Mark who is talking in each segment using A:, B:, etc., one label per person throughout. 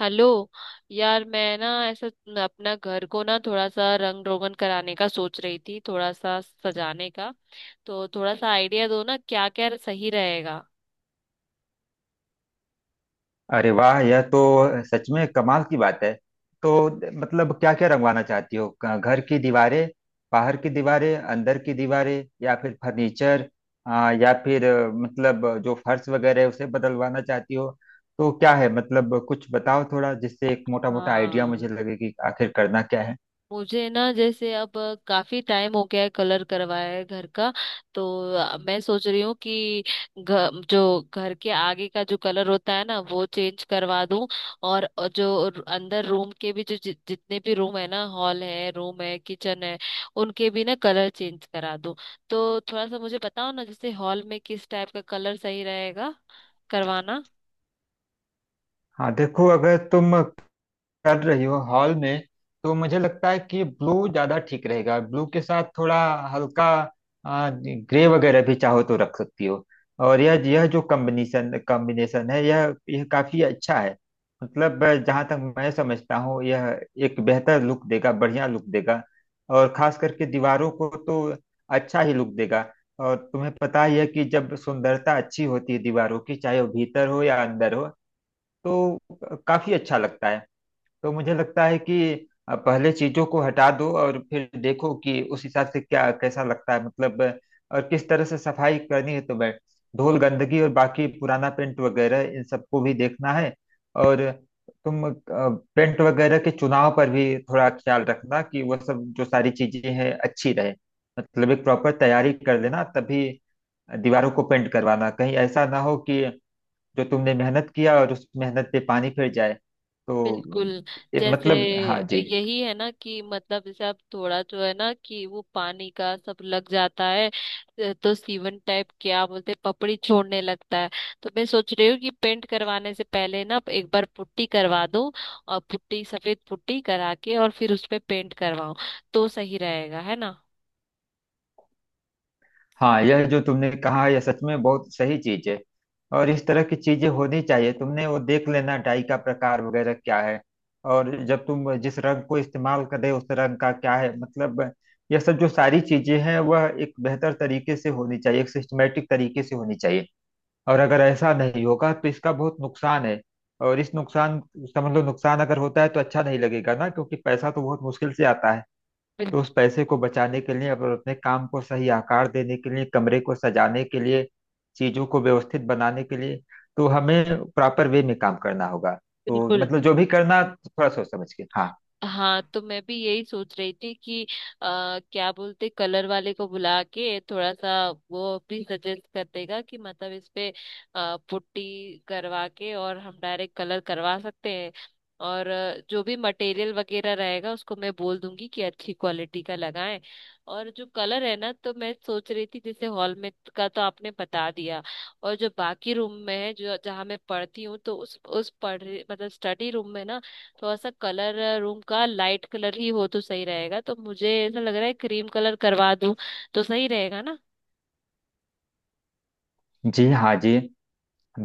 A: Hello. यार, मैं ना ऐसा अपना घर को ना थोड़ा सा रंग रोगन कराने का सोच रही थी, थोड़ा सा सजाने का। तो थोड़ा सा आइडिया दो ना, क्या क्या सही रहेगा।
B: अरे वाह! यह तो सच में कमाल की बात है। तो मतलब क्या क्या रंगवाना चाहती हो? घर की दीवारें, बाहर की दीवारें, अंदर की दीवारें, या फिर फर्नीचर, या फिर मतलब जो फर्श वगैरह है उसे बदलवाना चाहती हो? तो क्या है, मतलब कुछ बताओ थोड़ा, जिससे एक मोटा मोटा आइडिया मुझे
A: हाँ,
B: लगे कि आखिर करना क्या है।
A: मुझे ना जैसे अब काफी टाइम हो गया है, कलर करवाया है घर का। तो मैं सोच रही हूँ कि घ, जो घर के आगे का जो कलर होता है ना वो चेंज करवा दूं। और जो अंदर रूम के भी, जो जितने भी रूम है ना, हॉल है रूम है किचन है, उनके भी ना कलर चेंज करा दूं। तो थोड़ा सा मुझे बताओ ना, जैसे हॉल में किस टाइप का कलर सही रहेगा करवाना।
B: हाँ देखो, अगर तुम कर रही हो हॉल में, तो मुझे लगता है कि ब्लू ज्यादा ठीक रहेगा। ब्लू के साथ थोड़ा हल्का ग्रे वगैरह भी चाहो तो रख सकती हो। और यह जो कॉम्बिनेशन कॉम्बिनेशन है यह काफी अच्छा है। मतलब जहां तक मैं समझता हूँ, यह एक बेहतर लुक देगा, बढ़िया लुक देगा। और खास करके दीवारों को तो अच्छा ही लुक देगा। और तुम्हें पता ही है कि जब सुंदरता अच्छी होती है दीवारों की, चाहे वो भीतर हो या अंदर हो, तो काफी अच्छा लगता है। तो मुझे लगता है कि पहले चीजों को हटा दो और फिर देखो कि उस हिसाब से क्या कैसा लगता है। मतलब और किस तरह से सफाई करनी है तुम्हें, धूल गंदगी और बाकी पुराना पेंट वगैरह, इन सबको भी देखना है। और तुम पेंट वगैरह के चुनाव पर भी थोड़ा ख्याल रखना कि वह सब जो सारी चीजें हैं अच्छी रहे। मतलब एक प्रॉपर तैयारी कर लेना, तभी दीवारों को पेंट करवाना। कहीं ऐसा ना हो कि जो तुमने मेहनत किया और उस मेहनत पे पानी फिर जाए।
A: बिल्कुल।
B: तो ये
A: जैसे
B: मतलब, हाँ जी।
A: यही है ना कि मतलब जैसे आप थोड़ा जो है ना कि वो पानी का सब लग जाता है तो सीवन टाइप क्या बोलते हैं, पपड़ी छोड़ने लगता है। तो मैं सोच रही हूँ कि पेंट करवाने से पहले ना एक बार पुट्टी करवा दो, और पुट्टी सफेद पुट्टी करा के और फिर उस पे पेंट करवाओ तो सही रहेगा, है ना।
B: हाँ, यह जो तुमने कहा यह सच में बहुत सही चीज है। और इस तरह की चीजें होनी चाहिए। तुमने वो देख लेना, डाई का प्रकार वगैरह क्या है। और जब तुम जिस रंग को इस्तेमाल कर रहे हो उस रंग का क्या है, मतलब यह सब जो सारी चीजें हैं वह एक बेहतर तरीके से होनी चाहिए, एक सिस्टमेटिक तरीके से होनी चाहिए। और अगर ऐसा नहीं होगा तो इसका बहुत नुकसान है। और इस नुकसान, समझ लो नुकसान अगर होता है तो अच्छा नहीं लगेगा ना, क्योंकि पैसा तो बहुत मुश्किल से आता है।
A: बिल-
B: तो उस पैसे को बचाने के लिए, और अपने काम को सही आकार देने के लिए, कमरे को सजाने के लिए, चीजों को व्यवस्थित बनाने के लिए, तो हमें प्रॉपर वे में काम करना होगा। तो
A: बिल्कुल।
B: मतलब जो भी करना, थोड़ा सोच समझ के, हाँ
A: हाँ, तो मैं भी यही सोच रही थी कि क्या बोलते, कलर वाले को बुला के थोड़ा सा, वो भी सजेस्ट कर देगा कि मतलब इस पे पुट्टी करवा के और हम डायरेक्ट कलर करवा सकते हैं। और जो भी मटेरियल वगैरह रहेगा उसको मैं बोल दूंगी कि अच्छी क्वालिटी का लगाएं। और जो कलर है ना, तो मैं सोच रही थी, जैसे हॉल में का तो आपने बता दिया। और जो बाकी रूम में है जो, जहाँ मैं पढ़ती हूँ, तो उस पढ़ मतलब स्टडी रूम में ना थोड़ा सा कलर, रूम का लाइट कलर ही हो तो सही रहेगा। तो मुझे ऐसा लग रहा है क्रीम कलर करवा दूं तो सही रहेगा ना।
B: जी। हाँ जी,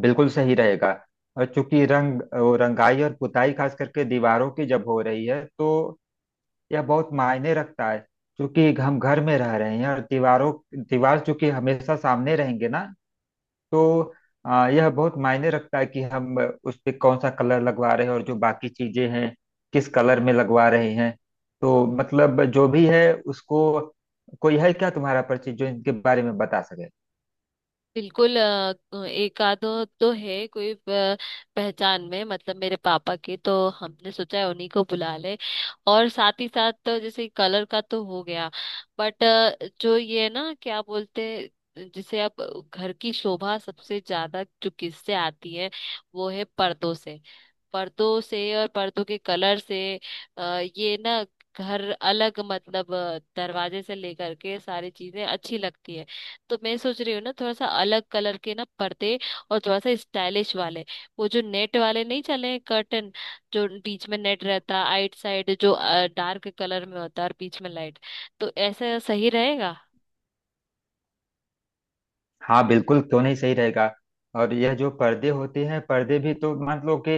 B: बिल्कुल सही रहेगा। और चूंकि रंग, वो रंगाई और पुताई खास करके दीवारों की जब हो रही है तो यह बहुत मायने रखता है। क्योंकि हम घर में रह रहे हैं, और दीवार चूंकि हमेशा सामने रहेंगे ना, तो यह बहुत मायने रखता है कि हम उस पे कौन सा कलर लगवा रहे हैं, और जो बाकी चीजें हैं किस कलर में लगवा रहे हैं। तो मतलब जो भी है उसको, कोई है क्या तुम्हारा परिचित जो इनके बारे में बता सके?
A: बिल्कुल। एक आध तो है कोई पहचान में, मतलब मेरे पापा के, तो हमने सोचा है उन्हीं को बुला ले। और साथ ही साथ, तो जैसे कलर का तो हो गया, बट जो ये है ना क्या बोलते हैं, जिसे आप घर की शोभा सबसे ज्यादा जो किससे आती है, वो है पर्दों से। पर्दों से और पर्दों के कलर से। अ, ये ना घर अलग, मतलब दरवाजे से लेकर के सारी चीजें अच्छी लगती है। तो मैं सोच रही हूँ ना थोड़ा सा अलग कलर के ना पर्दे, और थोड़ा सा स्टाइलिश वाले, वो जो नेट वाले नहीं चले हैं कर्टन, जो बीच में नेट रहता आइट साइड जो डार्क कलर में होता है और बीच में लाइट, तो ऐसा सही रहेगा।
B: हाँ बिल्कुल, क्यों नहीं सही रहेगा। और यह जो पर्दे होते हैं, पर्दे भी तो मान लो कि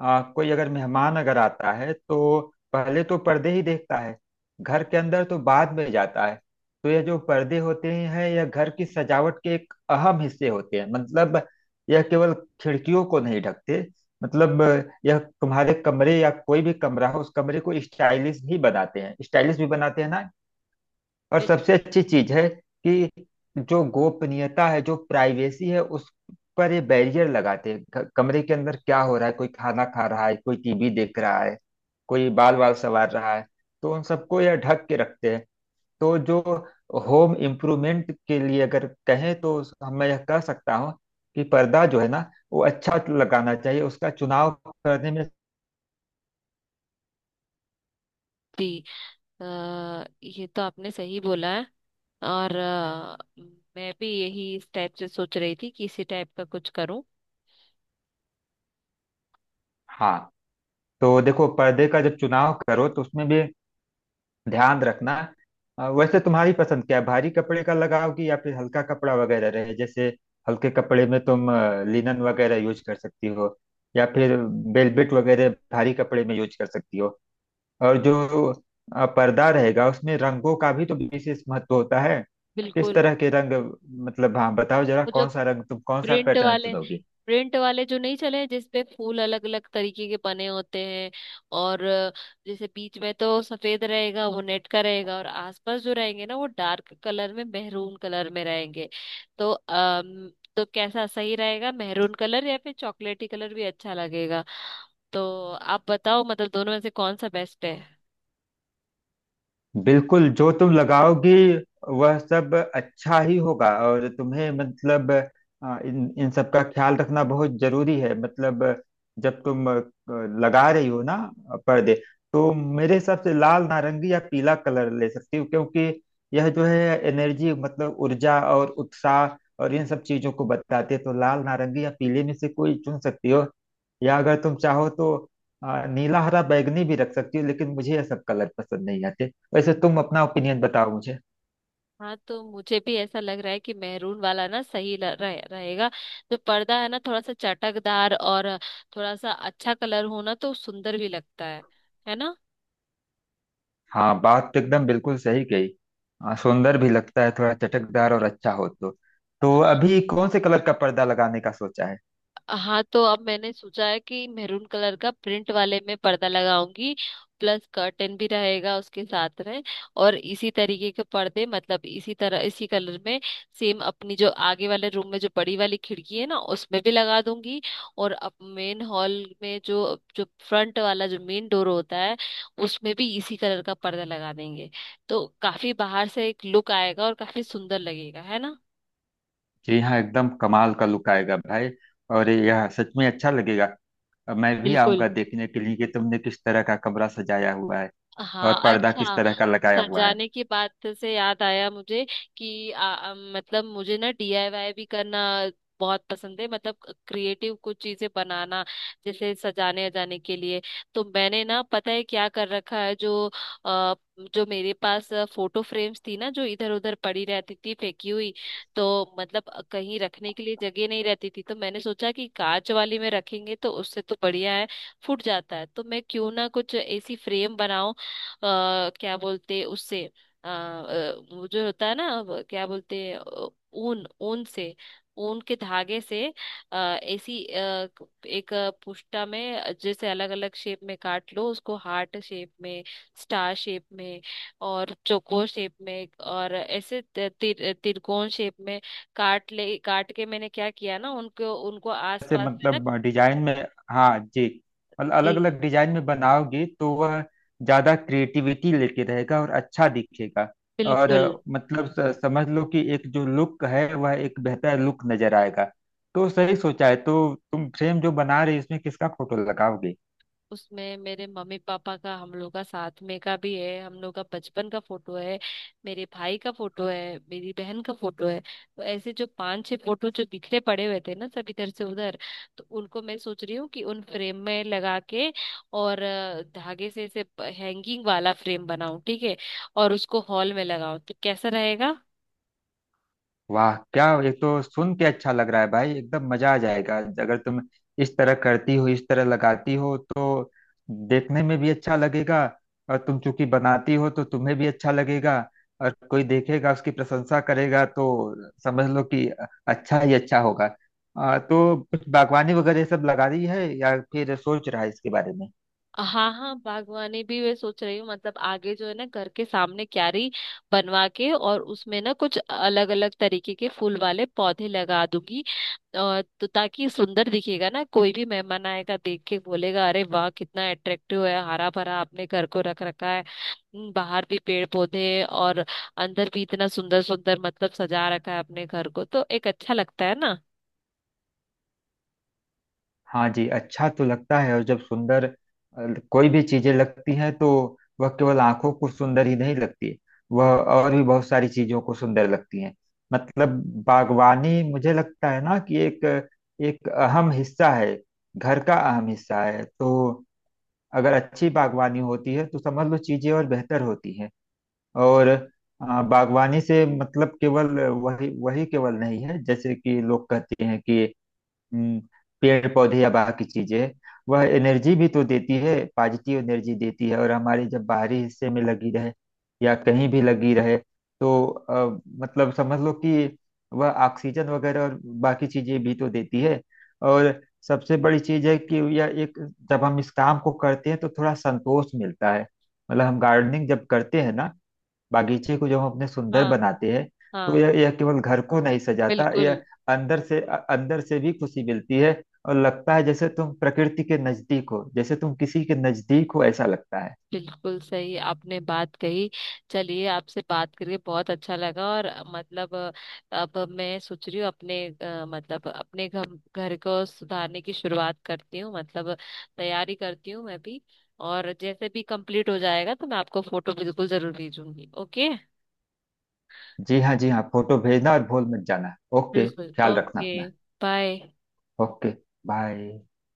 B: कोई अगर मेहमान अगर आता है तो पहले तो पर्दे ही देखता है, घर के अंदर तो बाद में जाता है। तो यह जो पर्दे होते हैं, यह घर की सजावट के एक अहम हिस्से होते हैं। मतलब यह केवल खिड़कियों को नहीं ढकते। मतलब यह तुम्हारे कमरे या कोई भी कमरा हो, उस कमरे को स्टाइलिश ही बनाते हैं, स्टाइलिश भी बनाते हैं ना। और सबसे
A: बिल्कुल।
B: अच्छी चीज है कि जो गोपनीयता है, जो प्राइवेसी है, उस पर ये बैरियर लगाते हैं। कमरे के अंदर क्या हो रहा है, कोई खाना खा रहा है, कोई टीवी देख रहा है, कोई बाल बाल संवार रहा है, तो उन सबको यह ढक के रखते हैं। तो जो होम इम्प्रूवमेंट के लिए अगर कहें, तो मैं यह कह सकता हूँ कि पर्दा जो है ना, वो अच्छा लगाना चाहिए, उसका चुनाव करने में।
A: जी। अ, ये तो आपने सही बोला है। और मैं भी यही इस टाइप से सोच रही थी कि इसी टाइप का कुछ करूं।
B: हाँ, तो देखो पर्दे का जब चुनाव करो तो उसमें भी ध्यान रखना। वैसे तुम्हारी पसंद क्या है, भारी कपड़े का लगाओ कि या फिर हल्का कपड़ा वगैरह रहे। जैसे हल्के कपड़े में तुम लिनन वगैरह यूज कर सकती हो, या फिर वेलवेट वगैरह भारी कपड़े में यूज कर सकती हो। और जो पर्दा रहेगा उसमें रंगों का भी तो विशेष महत्व होता है। किस
A: बिल्कुल।
B: तरह के रंग, मतलब हाँ बताओ जरा,
A: वो जो
B: कौन सा रंग तुम, कौन सा
A: प्रिंट
B: पैटर्न
A: वाले,
B: चुनोगी?
A: प्रिंट वाले जो नहीं चले जिसपे फूल अलग अलग तरीके के बने होते हैं। और जैसे बीच में तो सफेद रहेगा, वो नेट का रहेगा, और आसपास जो रहेंगे ना वो डार्क कलर में मेहरून कलर में रहेंगे। तो तो कैसा सही रहेगा, मेहरून कलर या फिर चॉकलेटी कलर भी अच्छा लगेगा। तो आप बताओ मतलब दोनों में से कौन सा बेस्ट है।
B: बिल्कुल, जो तुम लगाओगी वह सब अच्छा ही होगा। और तुम्हें मतलब अ, इन इन सब का ख्याल रखना बहुत जरूरी है। मतलब जब तुम लगा रही हो ना पर्दे, तो मेरे हिसाब से लाल, नारंगी या पीला कलर ले सकती हो, क्योंकि यह जो है एनर्जी, मतलब ऊर्जा और उत्साह और इन सब चीजों को बताती है। तो लाल, नारंगी या पीले में से कोई चुन सकती हो। या अगर तुम चाहो तो नीला, हरा, बैंगनी भी रख सकती हो, लेकिन मुझे यह सब कलर पसंद नहीं आते। वैसे तुम अपना ओपिनियन बताओ मुझे।
A: हाँ, तो मुझे भी ऐसा लग रहा है कि मैरून वाला ना सही रहेगा। जो पर्दा है ना थोड़ा सा चटकदार और थोड़ा सा अच्छा कलर हो ना तो सुंदर भी लगता है ना।
B: हाँ, बात तो एकदम बिल्कुल सही कही। हाँ, सुंदर भी लगता है थोड़ा चटकदार और अच्छा हो तो। तो अभी कौन से कलर का पर्दा लगाने का सोचा है?
A: हाँ, तो अब मैंने सोचा है कि मेरून कलर का प्रिंट वाले में पर्दा लगाऊंगी। प्लस कर्टन भी रहेगा उसके साथ में। और इसी तरीके के पर्दे, मतलब इसी तरह, इसी कलर में, सेम अपनी जो आगे वाले रूम में जो बड़ी वाली खिड़की है ना उसमें भी लगा दूंगी। और अब मेन हॉल में, जो जो फ्रंट वाला जो मेन डोर होता है, उसमें भी इसी कलर का पर्दा लगा देंगे। तो काफी बाहर से एक लुक आएगा और काफी सुंदर लगेगा, है ना।
B: जी हाँ, एकदम कमाल का लुक आएगा भाई। और यह सच में अच्छा लगेगा। मैं भी
A: बिल्कुल।
B: आऊंगा देखने के लिए कि तुमने किस तरह का कमरा सजाया हुआ है और
A: हाँ,
B: पर्दा किस
A: अच्छा।
B: तरह का लगाया
A: सर,
B: हुआ है।
A: जाने की बात से याद आया मुझे कि आ, आ, मतलब मुझे ना डीआईवाई भी करना बहुत पसंद है, मतलब क्रिएटिव कुछ चीजें बनाना, जैसे सजाने अजाने के लिए। तो मैंने ना, पता है क्या कर रखा है, जो आ, जो मेरे पास फोटो फ्रेम्स थी ना जो इधर उधर पड़ी रहती थी फेंकी हुई, तो मतलब कहीं रखने के लिए जगह नहीं रहती थी, तो मैंने सोचा कि कांच वाली में रखेंगे तो उससे तो बढ़िया है, फूट जाता है, तो मैं क्यों ना कुछ ऐसी फ्रेम बनाऊं, अ, क्या बोलते उससे, वो जो होता है ना वो क्या बोलते हैं, ऊन, ऊन से, ऊन के धागे से, ऐसी एक पुष्टा में, जैसे अलग अलग शेप में काट लो उसको, हार्ट शेप में, स्टार शेप में, और चौकोर शेप में, और ऐसे तिरकोण शेप में काट ले। काट के मैंने क्या किया ना, उनको उनको
B: से
A: आसपास से ना।
B: मतलब डिजाइन में, हाँ जी, मतलब
A: जी।
B: अलग अलग डिजाइन में बनाओगी तो वह ज्यादा क्रिएटिविटी लेके रहेगा और अच्छा दिखेगा। और
A: बिल्कुल।
B: समझ लो कि एक जो लुक है वह एक बेहतर लुक नजर आएगा। तो सही सोचा है। तो तुम फ्रेम जो बना रही, इसमें किसका फोटो लगाओगे?
A: उसमें मेरे मम्मी पापा का, हम लोग का साथ में का भी है, हम लोग का बचपन का फोटो है, मेरे भाई का फोटो है, मेरी बहन का फोटो है। तो ऐसे जो पांच छह फोटो जो बिखरे पड़े हुए थे ना सब इधर से उधर, तो उनको मैं सोच रही हूँ कि उन फ्रेम में लगा के और धागे से ऐसे हैंगिंग वाला फ्रेम बनाऊं, ठीक है, और उसको हॉल में लगाऊं तो कैसा रहेगा।
B: वाह क्या! ये तो सुन के अच्छा लग रहा है भाई। एकदम मजा आ जाएगा अगर तुम इस तरह करती हो, इस तरह लगाती हो तो। देखने में भी अच्छा लगेगा, और तुम चूंकि बनाती हो तो तुम्हें भी अच्छा लगेगा। और कोई देखेगा, उसकी प्रशंसा करेगा, तो समझ लो कि अच्छा ही अच्छा होगा। तो कुछ बागवानी वगैरह ये सब लगा रही है या फिर सोच रहा है इसके बारे में?
A: हाँ हाँ, बागवानी भी मैं सोच रही हूँ, मतलब आगे जो है ना घर के सामने क्यारी बनवा के और उसमें ना कुछ अलग अलग तरीके के फूल वाले पौधे लगा दूंगी। और तो ताकि सुंदर दिखेगा ना, कोई भी मेहमान आएगा देख के बोलेगा, अरे वाह कितना अट्रैक्टिव है, हरा भरा आपने घर को रख रखा है। बाहर भी पेड़ पौधे और अंदर भी इतना सुंदर सुंदर, मतलब सजा रखा है अपने घर को तो एक अच्छा लगता है ना।
B: हाँ जी, अच्छा तो लगता है। और जब सुंदर कोई भी चीजें लगती हैं तो वह केवल आंखों को सुंदर ही नहीं लगती, वह और भी बहुत सारी चीजों को सुंदर लगती हैं। मतलब बागवानी, मुझे लगता है ना कि एक एक अहम हिस्सा है, घर का अहम हिस्सा है। तो अगर अच्छी बागवानी होती है तो समझ लो चीजें और बेहतर होती हैं। और बागवानी से मतलब केवल वही वही केवल नहीं है, जैसे कि लोग कहते हैं कि हम्म, पेड़ पौधे या बाकी चीजें। वह एनर्जी भी तो देती है, पॉजिटिव एनर्जी देती है। और हमारे जब बाहरी हिस्से में लगी रहे या कहीं भी लगी रहे, तो मतलब समझ लो कि वह ऑक्सीजन वगैरह और बाकी चीजें भी तो देती है। और सबसे बड़ी चीज है कि यह एक, जब हम इस काम को करते हैं तो थोड़ा संतोष मिलता है। मतलब हम गार्डनिंग जब करते हैं ना, बागीचे को जब हम अपने सुंदर
A: हाँ
B: बनाते हैं, तो
A: हाँ।
B: यह केवल घर को नहीं सजाता,
A: बिल्कुल।
B: यह अंदर से भी खुशी मिलती है। और लगता है जैसे तुम प्रकृति के नजदीक हो, जैसे तुम किसी के नजदीक हो, ऐसा लगता है।
A: बिल्कुल सही आपने बात कही। चलिए, आपसे बात करके बहुत अच्छा लगा, और मतलब अब मैं सोच रही हूँ अपने, मतलब अपने घर, घर को सुधारने की शुरुआत करती हूँ, मतलब तैयारी करती हूँ मैं भी। और जैसे भी कंप्लीट हो जाएगा तो मैं आपको फोटो बिल्कुल जरूर भेजूंगी, ओके।
B: जी हाँ, जी हाँ, फोटो भेजना और भूल मत जाना। ओके,
A: बिल्कुल,
B: ख्याल रखना
A: ओके,
B: अपना।
A: बाय।
B: ओके। बाय।